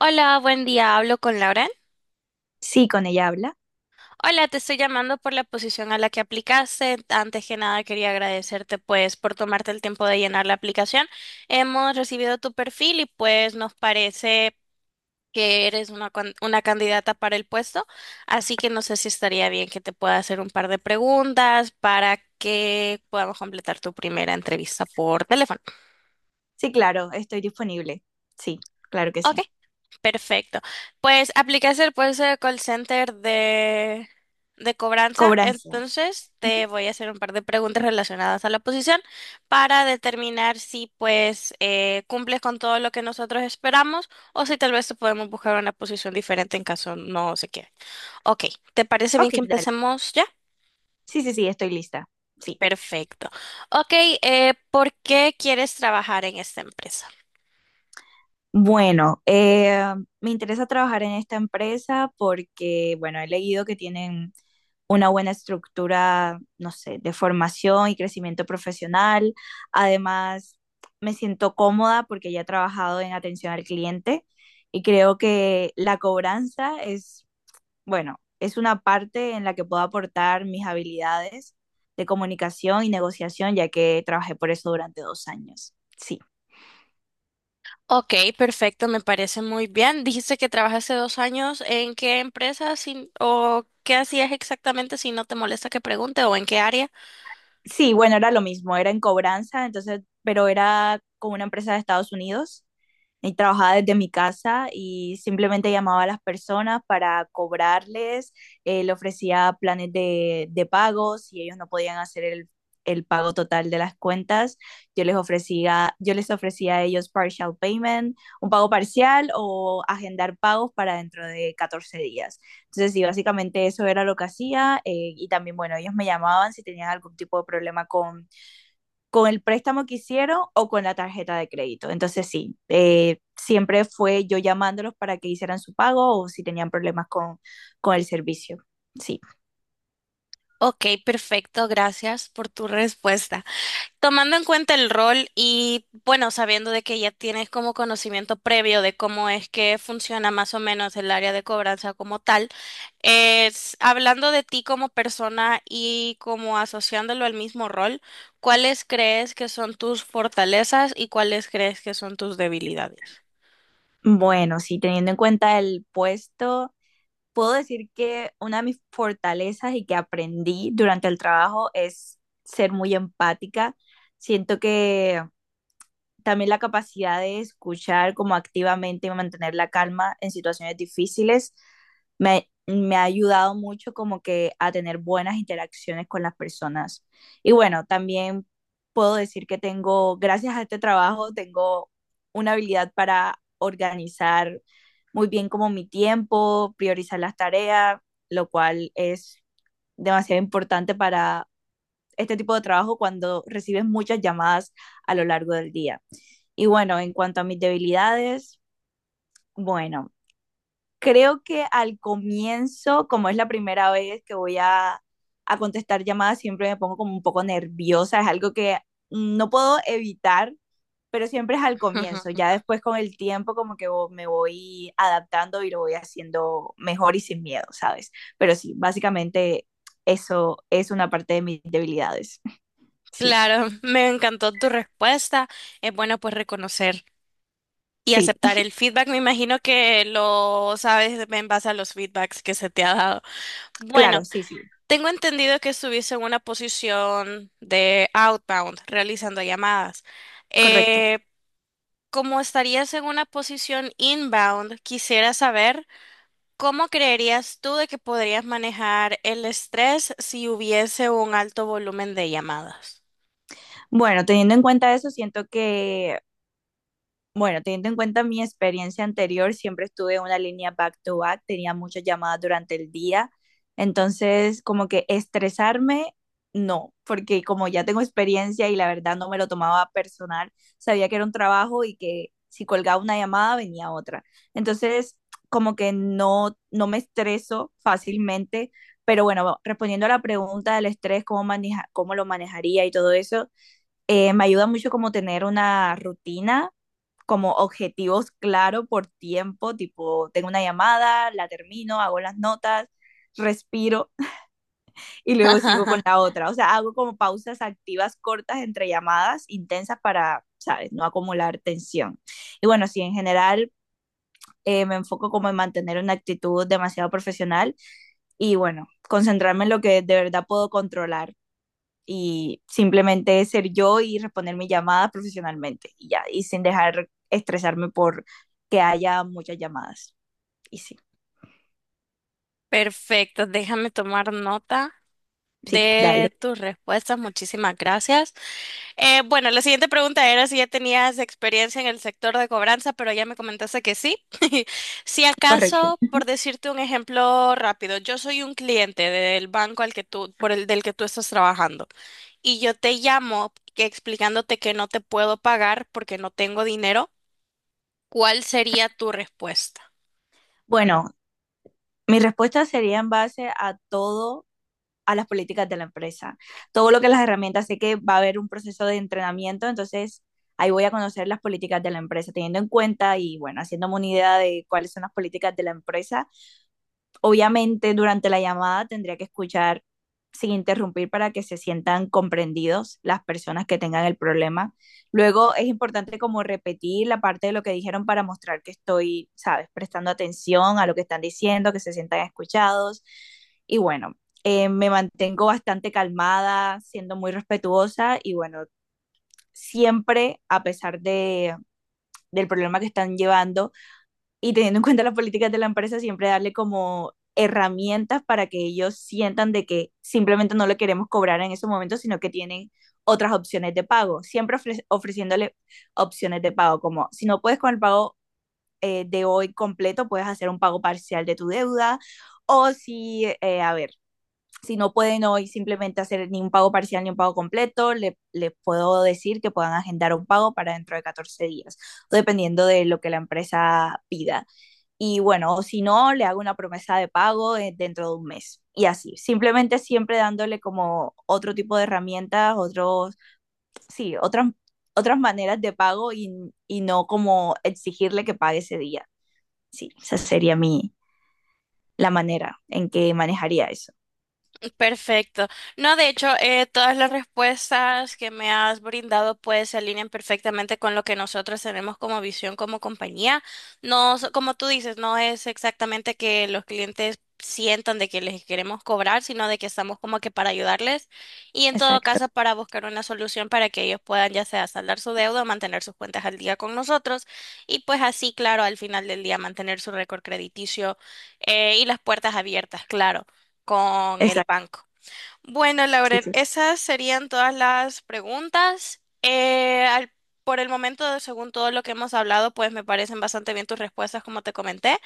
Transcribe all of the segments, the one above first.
Hola, buen día. Hablo con Lauren. Sí, con ella habla. Hola, te estoy llamando por la posición a la que aplicaste. Antes que nada, quería agradecerte pues por tomarte el tiempo de llenar la aplicación. Hemos recibido tu perfil y pues nos parece que eres una, una candidata para el puesto, así que no sé si estaría bien que te pueda hacer un par de preguntas para que podamos completar tu primera entrevista por teléfono. Sí, claro, estoy disponible. Sí, claro que ¿Ok? sí. Perfecto. Pues aplicaste el puesto de call center de cobranza. Cobranza. Entonces Ujú. te voy a hacer un par de preguntas relacionadas a la posición para determinar si pues cumples con todo lo que nosotros esperamos o si tal vez te podemos buscar una posición diferente en caso no se quede. Ok, ¿te parece bien Ok, que dale. empecemos ya? Sí, sí, sí, estoy lista. Sí. Perfecto. Ok, ¿por qué quieres trabajar en esta empresa? Bueno, me interesa trabajar en esta empresa porque, bueno, he leído que tienen una buena estructura, no sé, de formación y crecimiento profesional. Además, me siento cómoda porque ya he trabajado en atención al cliente y creo que la cobranza es. Bueno, es una parte en la que puedo aportar mis habilidades de comunicación y negociación, ya que trabajé por eso durante 2 años. Sí, Ok, perfecto, me parece muy bien. Dijiste que trabajaste 2 años. ¿En qué empresa o qué hacías exactamente si no te molesta que pregunte o en qué área? sí, bueno, era lo mismo, era en cobranza, entonces, pero era con una empresa de Estados Unidos y trabajaba desde mi casa y simplemente llamaba a las personas para cobrarles, le ofrecía planes de pago, si ellos no podían hacer el pago total de las cuentas, yo les ofrecía a ellos partial payment, un pago parcial o agendar pagos para dentro de 14 días. Entonces, sí, básicamente eso era lo que hacía y también, bueno, ellos me llamaban si tenían algún tipo de problema con el préstamo que hicieron o con la tarjeta de crédito. Entonces sí, siempre fue yo llamándolos para que hicieran su pago o si tenían problemas con el servicio. Sí, Ok, perfecto, gracias por tu respuesta. Tomando en cuenta el rol y bueno, sabiendo de que ya tienes como conocimiento previo de cómo es que funciona más o menos el área de cobranza como tal, es hablando de ti como persona y como asociándolo al mismo rol, ¿cuáles crees que son tus fortalezas y cuáles crees que son tus debilidades? bueno, sí, teniendo en cuenta el puesto, puedo decir que una de mis fortalezas y que aprendí durante el trabajo es ser muy empática. Siento que también la capacidad de escuchar como activamente y mantener la calma en situaciones difíciles me ha ayudado mucho como que a tener buenas interacciones con las personas. Y bueno, también puedo decir que tengo, gracias a este trabajo, tengo una habilidad para organizar muy bien como mi tiempo, priorizar las tareas, lo cual es demasiado importante para este tipo de trabajo cuando recibes muchas llamadas a lo largo del día. Y bueno, en cuanto a mis debilidades, bueno, creo que al comienzo, como es la primera vez que voy a contestar llamadas, siempre me pongo como un poco nerviosa, es algo que no puedo evitar, pero siempre es al comienzo, Ujú. ya después con el tiempo como que me voy adaptando y lo voy haciendo mejor y sin miedo, ¿sabes? Pero sí, básicamente eso es una parte de mis debilidades. Sí, Claro, me encantó tu respuesta. Es bueno pues reconocer. Y sí. aceptar el feedback, me imagino que lo sabes en base a los feedbacks que se te ha dado. Bueno, Claro, sí, sí, tengo entendido que estuviste en una posición de outbound, realizando llamadas. correcto. Eh, como estarías en una posición inbound, quisiera saber cómo creerías tú de que podrías manejar el estrés si hubiese un alto volumen de llamadas. Bueno, teniendo en cuenta eso, siento que. Bueno, teniendo en cuenta mi experiencia anterior, siempre estuve en una línea back to back, tenía muchas llamadas durante el día, entonces como que estresarme, no, porque como ya tengo experiencia y la verdad no me lo tomaba personal, sabía que era un trabajo y que si colgaba una llamada venía otra. Entonces como que no, no me estreso fácilmente, pero bueno, respondiendo a la pregunta del estrés, cómo lo manejaría y todo eso, me ayuda mucho como tener una rutina como objetivos claro por tiempo, tipo, tengo una llamada, la termino, hago las notas, respiro y luego sigo con la otra. O sea, hago como pausas activas cortas entre llamadas intensas para, ¿sabes?, no acumular tensión. Y bueno, sí, en general me enfoco como en mantener una actitud demasiado profesional y bueno, concentrarme en lo que de verdad puedo controlar y simplemente ser yo y responder mi llamada profesionalmente y ya, y sin dejar estresarme por que haya muchas llamadas. Y sí, Perfecto, déjame tomar nota sí, dale, de tus respuestas. Muchísimas gracias. Bueno, la siguiente pregunta era si ya tenías experiencia en el sector de cobranza, pero ya me comentaste que sí. Si correcto. acaso, por decirte un ejemplo rápido, yo soy un cliente del banco al que tú, por el del que tú estás trabajando, y yo te llamo explicándote que no te puedo pagar porque no tengo dinero, ¿cuál sería tu respuesta? Bueno, mi respuesta sería en base a todo a las políticas de la empresa. Todo lo que las herramientas, sé que va a haber un proceso de entrenamiento, entonces ahí voy a conocer las políticas de la empresa, teniendo en cuenta y bueno, haciéndome una idea de cuáles son las políticas de la empresa. Obviamente durante la llamada tendría que escuchar sin interrumpir para que se sientan comprendidos las personas que tengan el problema. Luego es importante como repetir la parte de lo que dijeron para mostrar que estoy, sabes, prestando atención a lo que están diciendo, que se sientan escuchados. Y bueno, me mantengo bastante calmada, siendo muy respetuosa y bueno, siempre, a pesar de, del problema que están llevando, y teniendo en cuenta las políticas de la empresa, siempre darle como herramientas para que ellos sientan de que simplemente no le queremos cobrar en ese momento, sino que tienen otras opciones de pago, siempre ofreciéndole opciones de pago, como si no puedes con el pago de hoy completo, puedes hacer un pago parcial de tu deuda, o si, a ver, si no pueden hoy simplemente hacer ni un pago parcial ni un pago completo, les le puedo decir que puedan agendar un pago para dentro de 14 días, dependiendo de lo que la empresa pida. Y bueno, o si no, le hago una promesa de pago dentro de un mes. Y así, simplemente siempre dándole como otro tipo de herramientas, otros, sí, otras, otras maneras de pago y no como exigirle que pague ese día. Sí, esa sería mi, la manera en que manejaría eso. Perfecto. No, de hecho, todas las respuestas que me has brindado pues se alinean perfectamente con lo que nosotros tenemos como visión como compañía. No, como tú dices, no es exactamente que los clientes sientan de que les queremos cobrar, sino de que estamos como que para ayudarles y en todo Exacto, caso para buscar una solución para que ellos puedan ya sea saldar su deuda o mantener sus cuentas al día con nosotros y pues así, claro, al final del día mantener su récord crediticio y las puertas abiertas, claro con el exacto. banco. Bueno, Sí. Lauren, esas serían todas las preguntas. Por el momento, según todo lo que hemos hablado, pues me parecen bastante bien tus respuestas, como te comenté.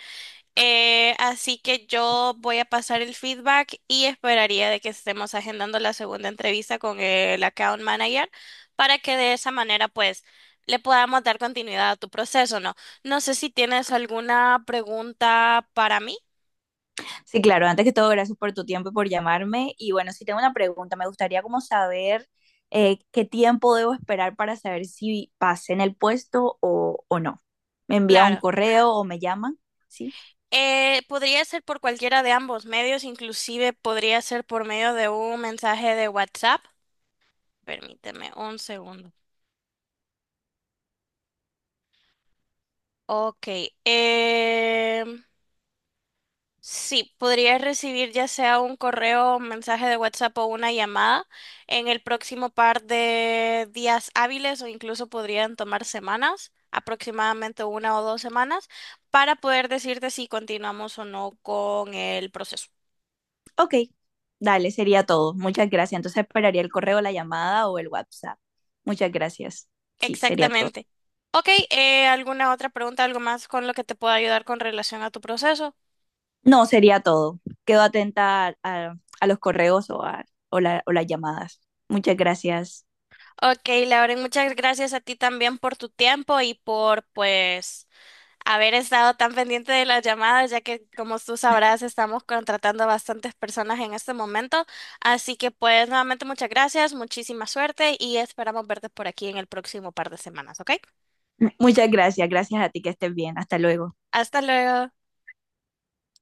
Así que yo voy a pasar el feedback y esperaría de que estemos agendando la segunda entrevista con el account manager para que de esa manera, pues, le podamos dar continuidad a tu proceso, ¿no? No sé si tienes alguna pregunta para mí. Sí, claro, antes que todo, gracias por tu tiempo y por llamarme. Y bueno, si tengo una pregunta, me gustaría como saber qué tiempo debo esperar para saber si pasé en el puesto o no. ¿Me envía un Claro. correo o me llaman? Sí. Podría ser por cualquiera de ambos medios, inclusive podría ser por medio de un mensaje de WhatsApp. Permíteme un segundo. Ok. em, sí, podría recibir ya sea un correo, un mensaje de WhatsApp o una llamada en el próximo par de días hábiles o incluso podrían tomar semanas, aproximadamente una o 2 semanas, para poder decirte si continuamos o no con el proceso. Ok, dale, sería todo. Muchas gracias. Entonces esperaría el correo, la llamada o el WhatsApp. Muchas gracias. Sí, sería todo. Exactamente. Ok, ¿alguna otra pregunta, algo más con lo que te pueda ayudar con relación a tu proceso? No, sería todo. Quedo atenta a los correos o, a, o la- o las llamadas. Muchas gracias. Ok, Lauren, muchas gracias a ti también por tu tiempo y por, pues, haber estado tan pendiente de las llamadas, ya que, como tú sabrás, estamos contratando a bastantes personas en este momento. Así que, pues, nuevamente muchas gracias, muchísima suerte y esperamos verte por aquí en el próximo par de semanas, ¿ok? Muchas gracias. Gracias a ti que estés bien. Hasta luego. Hasta luego.